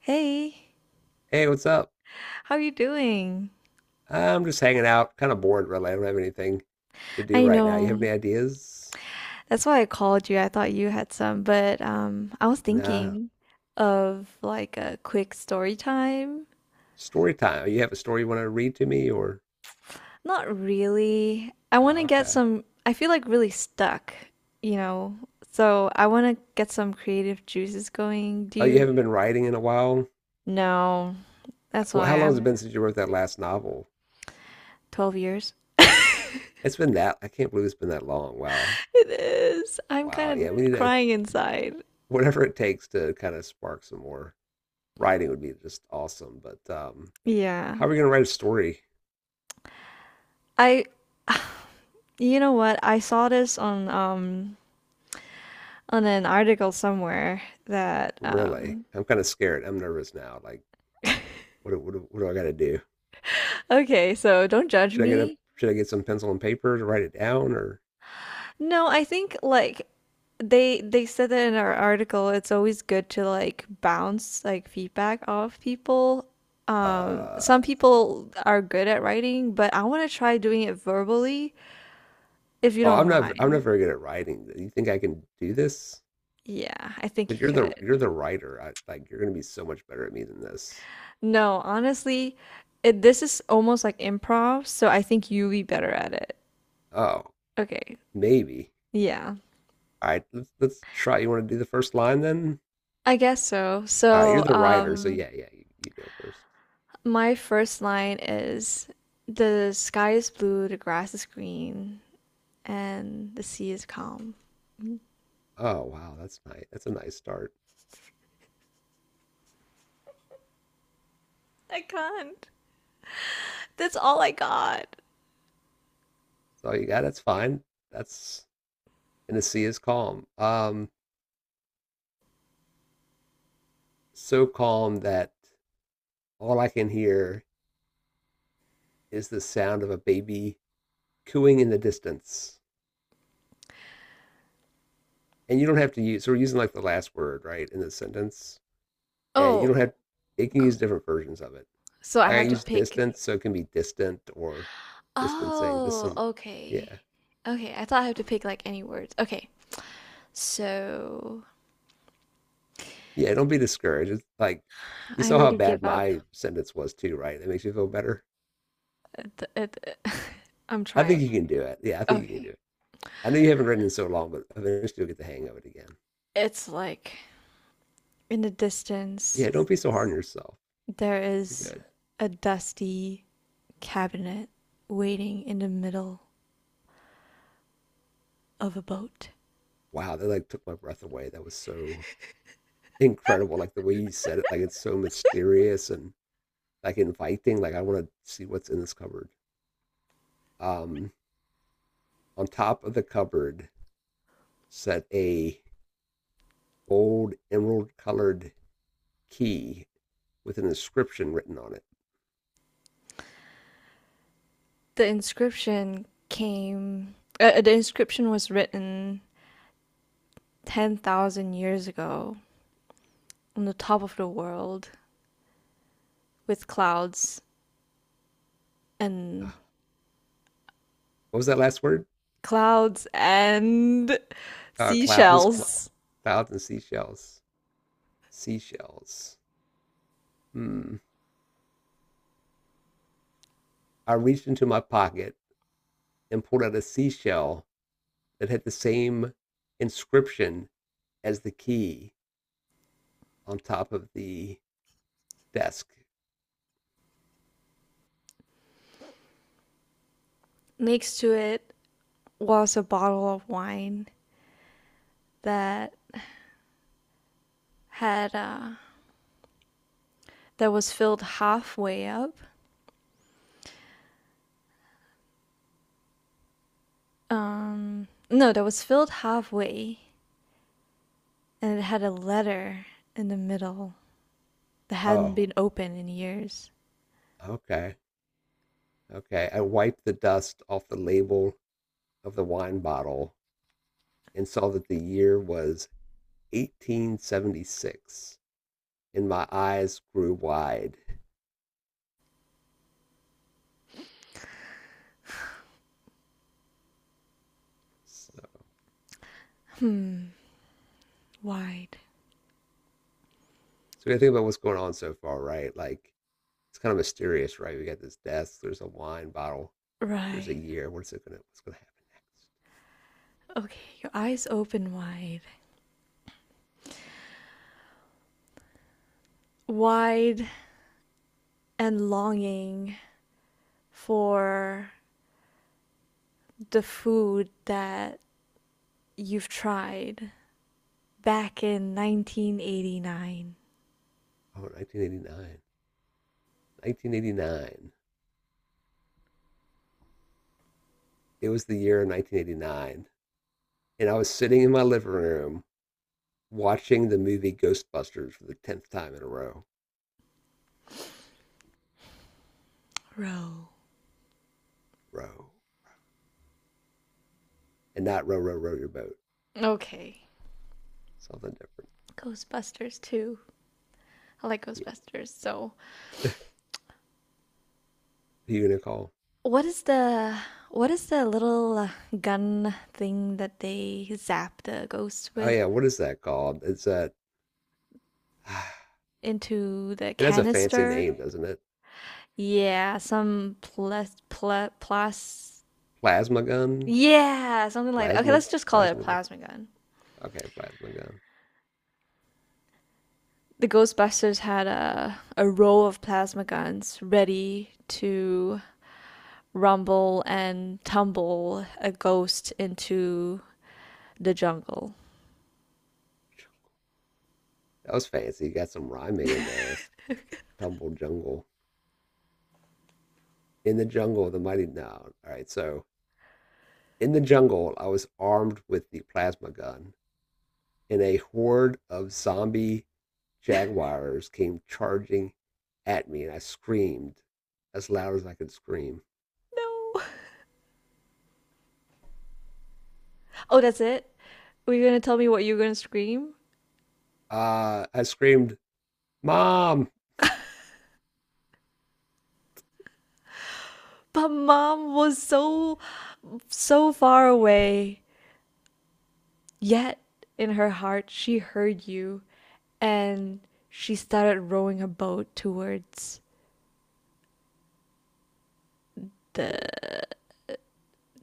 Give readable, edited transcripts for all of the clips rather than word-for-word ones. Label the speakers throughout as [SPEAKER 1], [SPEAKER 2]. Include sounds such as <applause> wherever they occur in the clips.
[SPEAKER 1] Hey,
[SPEAKER 2] Hey, what's up?
[SPEAKER 1] how are you doing?
[SPEAKER 2] I'm just hanging out, kind of bored, really. I don't have anything to do
[SPEAKER 1] I
[SPEAKER 2] right now. You
[SPEAKER 1] know.
[SPEAKER 2] have any ideas?
[SPEAKER 1] That's why I called you. I thought you had some, but I was
[SPEAKER 2] Nah.
[SPEAKER 1] thinking of like a quick story time.
[SPEAKER 2] Story time. You have a story you want to read to me, or
[SPEAKER 1] Not really. I want to
[SPEAKER 2] oh,
[SPEAKER 1] get
[SPEAKER 2] okay.
[SPEAKER 1] some, I feel like really stuck, you know. So I want to get some creative juices going. Do
[SPEAKER 2] Oh, you
[SPEAKER 1] you?
[SPEAKER 2] haven't been writing in a while?
[SPEAKER 1] No, that's
[SPEAKER 2] Well,
[SPEAKER 1] why
[SPEAKER 2] how long has it
[SPEAKER 1] I'm
[SPEAKER 2] been since you wrote that last novel?
[SPEAKER 1] 12 years. <laughs>
[SPEAKER 2] It's been that. I can't believe it's been that long. Wow.
[SPEAKER 1] It is. I'm kind
[SPEAKER 2] Wow. Yeah, we
[SPEAKER 1] of
[SPEAKER 2] need to,
[SPEAKER 1] crying inside.
[SPEAKER 2] whatever it takes to kind of spark some more writing would be just awesome. But
[SPEAKER 1] Yeah.
[SPEAKER 2] how are we going to write a story?
[SPEAKER 1] I <sighs> You know what? I saw this on an article somewhere that
[SPEAKER 2] Really? I'm kind of scared. I'm nervous now. Like, what do I got to do?
[SPEAKER 1] okay, so don't judge me.
[SPEAKER 2] Should I get some pencil and paper to write it down or
[SPEAKER 1] No, I think like they said that in our article it's always good to like bounce like feedback off people.
[SPEAKER 2] uh
[SPEAKER 1] Some people are good at writing, but I want to try doing it verbally if you
[SPEAKER 2] oh, I'm
[SPEAKER 1] don't
[SPEAKER 2] not I'm
[SPEAKER 1] mind.
[SPEAKER 2] not very good at writing. Do you think I can do this?
[SPEAKER 1] Yeah, I think
[SPEAKER 2] Because
[SPEAKER 1] you
[SPEAKER 2] you're
[SPEAKER 1] could.
[SPEAKER 2] the you're the writer. I like you're gonna be so much better at me than this.
[SPEAKER 1] No, honestly, this is almost like improv, so I think you'll be better at it.
[SPEAKER 2] Oh,
[SPEAKER 1] Okay.
[SPEAKER 2] maybe.
[SPEAKER 1] Yeah,
[SPEAKER 2] All right, let's try. You want to do the first line then?
[SPEAKER 1] I guess so.
[SPEAKER 2] All right, you're
[SPEAKER 1] So,
[SPEAKER 2] the So, writer, so yeah, yeah, you go first.
[SPEAKER 1] my first line is the sky is blue, the grass is green, and the sea is calm.
[SPEAKER 2] Oh wow, that's nice. That's a nice start.
[SPEAKER 1] I can't. That's all I got.
[SPEAKER 2] That's all you got. That's fine. That's and the sea is calm. So calm that all I can hear is the sound of a baby cooing in the distance. And you don't have to use, so we're using like the last word, right, in the sentence. And you
[SPEAKER 1] Oh,
[SPEAKER 2] don't have, it can
[SPEAKER 1] c-
[SPEAKER 2] use different versions of it.
[SPEAKER 1] so I
[SPEAKER 2] Like I
[SPEAKER 1] have to
[SPEAKER 2] use
[SPEAKER 1] pick.
[SPEAKER 2] distance, so it can be distant or distancing, just
[SPEAKER 1] Oh,
[SPEAKER 2] some,
[SPEAKER 1] okay.
[SPEAKER 2] yeah.
[SPEAKER 1] Okay, I thought I have to pick like any words. Okay, so
[SPEAKER 2] Yeah, don't be discouraged. It's like, you
[SPEAKER 1] I
[SPEAKER 2] saw how
[SPEAKER 1] already
[SPEAKER 2] bad
[SPEAKER 1] give up.
[SPEAKER 2] my sentence was too, right? That makes you feel better.
[SPEAKER 1] at the- at the- <laughs> I'm
[SPEAKER 2] I think
[SPEAKER 1] trying.
[SPEAKER 2] you can do it. Yeah, I think you can do
[SPEAKER 1] Okay.
[SPEAKER 2] it. I know you haven't written in so long, but eventually you'll get the hang of it again.
[SPEAKER 1] It's like in the distance.
[SPEAKER 2] Yeah, don't be so hard on yourself.
[SPEAKER 1] There
[SPEAKER 2] You're
[SPEAKER 1] is
[SPEAKER 2] good.
[SPEAKER 1] a dusty cabinet waiting in the middle of a boat.
[SPEAKER 2] Wow, that like took my breath away. That was so incredible. Like the way you said it, like it's so mysterious and like inviting. Like I want to see what's in this cupboard. Um, on top of the cupboard sat a old emerald colored key with an inscription written on it.
[SPEAKER 1] The inscription came, the inscription was written 10,000 years ago on the top of the world with clouds and
[SPEAKER 2] Ah, what was that last word?
[SPEAKER 1] clouds and
[SPEAKER 2] Seashell.
[SPEAKER 1] seashells.
[SPEAKER 2] Clouds and seashells. Seashells. Hmm. I reached into my pocket and pulled out a seashell that had the same inscription as the key on top of the desk.
[SPEAKER 1] Next to it was a bottle of wine that had that was filled halfway up no, that was filled halfway, and it had a letter in the middle that hadn't
[SPEAKER 2] Oh,
[SPEAKER 1] been open in years.
[SPEAKER 2] okay, okay. I wiped the dust off the label of the wine bottle and saw that the year was 1876, and my eyes grew wide. So
[SPEAKER 1] Hmm, wide.
[SPEAKER 2] we gotta think about what's going on so far, right? Like it's kind of mysterious, right? We got this desk. There's a wine bottle. There's a
[SPEAKER 1] Right.
[SPEAKER 2] year. What's gonna happen next?
[SPEAKER 1] Okay, your eyes open wide. Wide and longing for the food that you've tried back in 1989.
[SPEAKER 2] Oh, 1989. 1989. It was the year of 1989, and I was sitting in my living room watching the movie Ghostbusters for the 10th time in a row.
[SPEAKER 1] Row.
[SPEAKER 2] Row. And not row, row, row your boat.
[SPEAKER 1] Okay.
[SPEAKER 2] Something different.
[SPEAKER 1] Ghostbusters too. I like
[SPEAKER 2] Yeah.
[SPEAKER 1] Ghostbusters, so
[SPEAKER 2] Who you gonna call?
[SPEAKER 1] what is the little gun thing that they zap the ghosts
[SPEAKER 2] Oh
[SPEAKER 1] with
[SPEAKER 2] yeah, what is that called? It's that <sighs>
[SPEAKER 1] into the
[SPEAKER 2] it has a fancy
[SPEAKER 1] canister?
[SPEAKER 2] name, doesn't it?
[SPEAKER 1] Yeah, some plas pl plus
[SPEAKER 2] Plasma gun?
[SPEAKER 1] yeah, something like that. Okay,
[SPEAKER 2] Plasma
[SPEAKER 1] let's just call it a
[SPEAKER 2] plasma
[SPEAKER 1] plasma gun.
[SPEAKER 2] Okay, plasma gun.
[SPEAKER 1] The Ghostbusters had a row of plasma guns ready to rumble and tumble a ghost into the jungle.
[SPEAKER 2] That was fancy. You got some rhyming in there. Tumble jungle. In the jungle, the mighty no. All right, so in the jungle, I was armed with the plasma gun and a horde of zombie
[SPEAKER 1] <laughs>
[SPEAKER 2] jaguars came charging at me, and I screamed as loud as I could scream.
[SPEAKER 1] No. Oh, that's it? Were you gonna tell me what you were gonna scream?
[SPEAKER 2] I screamed, "Mom!"
[SPEAKER 1] But mom was so, so far away. Yet in her heart, she heard you and she started rowing her boat
[SPEAKER 2] Toward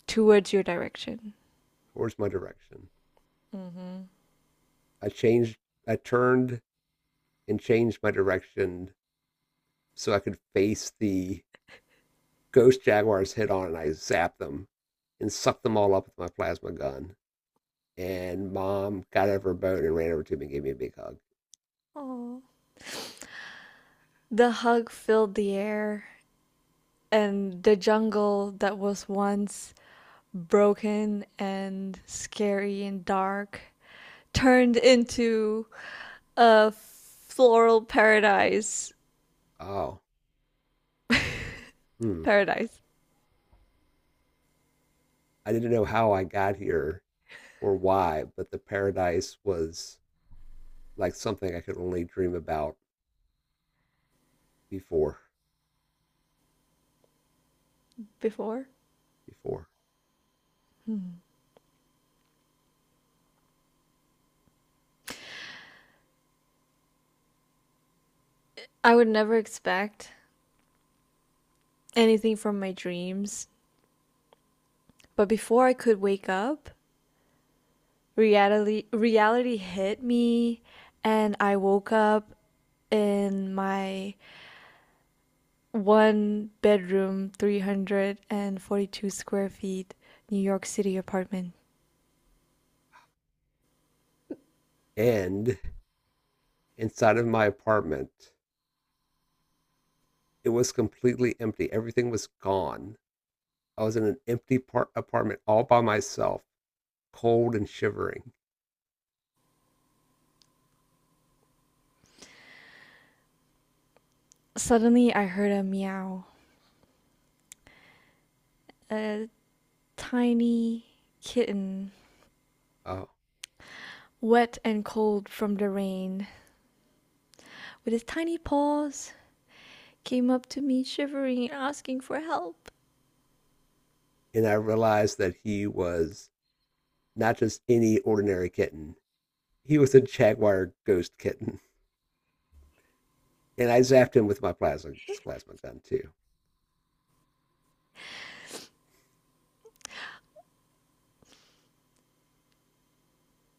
[SPEAKER 1] towards your direction.
[SPEAKER 2] towards my direction.
[SPEAKER 1] Mm-hmm.
[SPEAKER 2] I changed, I turned and changed my direction so I could face the ghost jaguars head on, and I zapped them and sucked them all up with my plasma gun. And mom got out of her boat and ran over to me and gave me a big hug.
[SPEAKER 1] Oh. The hug filled the air and the jungle that was once broken and scary and dark turned into a floral paradise.
[SPEAKER 2] Oh,
[SPEAKER 1] <laughs>
[SPEAKER 2] hmm.
[SPEAKER 1] Paradise
[SPEAKER 2] I didn't know how I got here or why, but the paradise was like something I could only dream about before.
[SPEAKER 1] before.
[SPEAKER 2] Before.
[SPEAKER 1] Hmm. I would never expect anything from my dreams, but before I could wake up, reality hit me and I woke up in my one bedroom 342 square feet New York City apartment.
[SPEAKER 2] And inside of my apartment, it was completely empty. Everything was gone. I was in an empty apartment all by myself, cold and shivering.
[SPEAKER 1] Suddenly I heard a meow, a tiny kitten,
[SPEAKER 2] Oh,
[SPEAKER 1] wet and cold from the rain, with his tiny paws came up to me shivering and asking for help.
[SPEAKER 2] and I realized that he was not just any ordinary kitten. He was a jaguar ghost kitten. And I zapped him with my plasma gun too.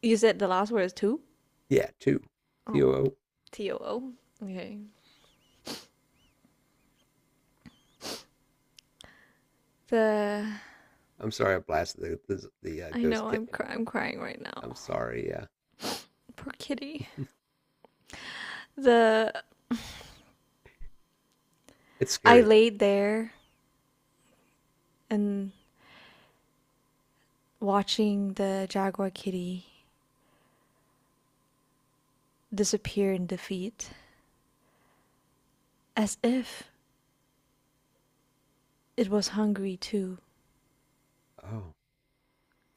[SPEAKER 1] You said the last word is two?
[SPEAKER 2] Yeah, two. T
[SPEAKER 1] Oh,
[SPEAKER 2] O O
[SPEAKER 1] too. Okay. The
[SPEAKER 2] I'm sorry I blasted the ghost kitten.
[SPEAKER 1] I'm crying right
[SPEAKER 2] I'm
[SPEAKER 1] now.
[SPEAKER 2] sorry. Yeah,
[SPEAKER 1] Poor kitty. The
[SPEAKER 2] <laughs> it's
[SPEAKER 1] I
[SPEAKER 2] scary though.
[SPEAKER 1] laid there and watching the jaguar kitty disappear in defeat as if it was hungry too.
[SPEAKER 2] Oh,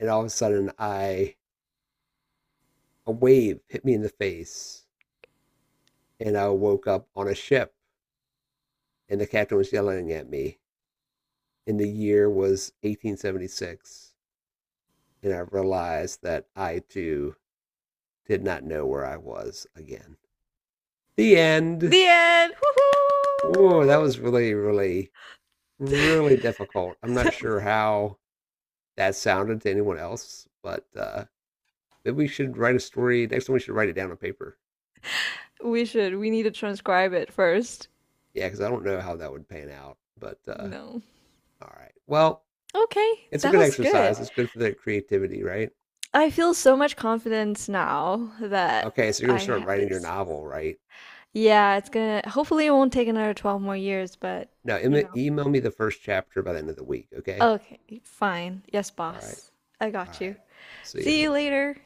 [SPEAKER 2] and all of a sudden, I a wave hit me in the face, and I woke up on a ship, and the captain was yelling at me. And the year was 1876, and I realized that I too did not know where I was again. The end.
[SPEAKER 1] The end. Woohoo!
[SPEAKER 2] Oh, that was really, really, really difficult. I'm not
[SPEAKER 1] <laughs>
[SPEAKER 2] sure how that sounded to anyone else, but maybe we should write a story. Next time we should write it down on paper.
[SPEAKER 1] We need to transcribe it first.
[SPEAKER 2] Yeah, because I don't know how that would pan out. But
[SPEAKER 1] No.
[SPEAKER 2] All right. Well,
[SPEAKER 1] Okay,
[SPEAKER 2] it's a
[SPEAKER 1] that
[SPEAKER 2] good
[SPEAKER 1] was good.
[SPEAKER 2] exercise. It's good for their creativity, right?
[SPEAKER 1] I feel so much confidence now that
[SPEAKER 2] Okay, so you're going
[SPEAKER 1] I
[SPEAKER 2] to start
[SPEAKER 1] had
[SPEAKER 2] writing your
[SPEAKER 1] this
[SPEAKER 2] novel, right?
[SPEAKER 1] yeah, it's gonna, hopefully it won't take another 12 more years, but
[SPEAKER 2] Now,
[SPEAKER 1] you know.
[SPEAKER 2] email me the first chapter by the end of the week, okay?
[SPEAKER 1] Okay, fine. Yes,
[SPEAKER 2] All right.
[SPEAKER 1] boss. I
[SPEAKER 2] All
[SPEAKER 1] got you.
[SPEAKER 2] right. See ya.
[SPEAKER 1] See you later.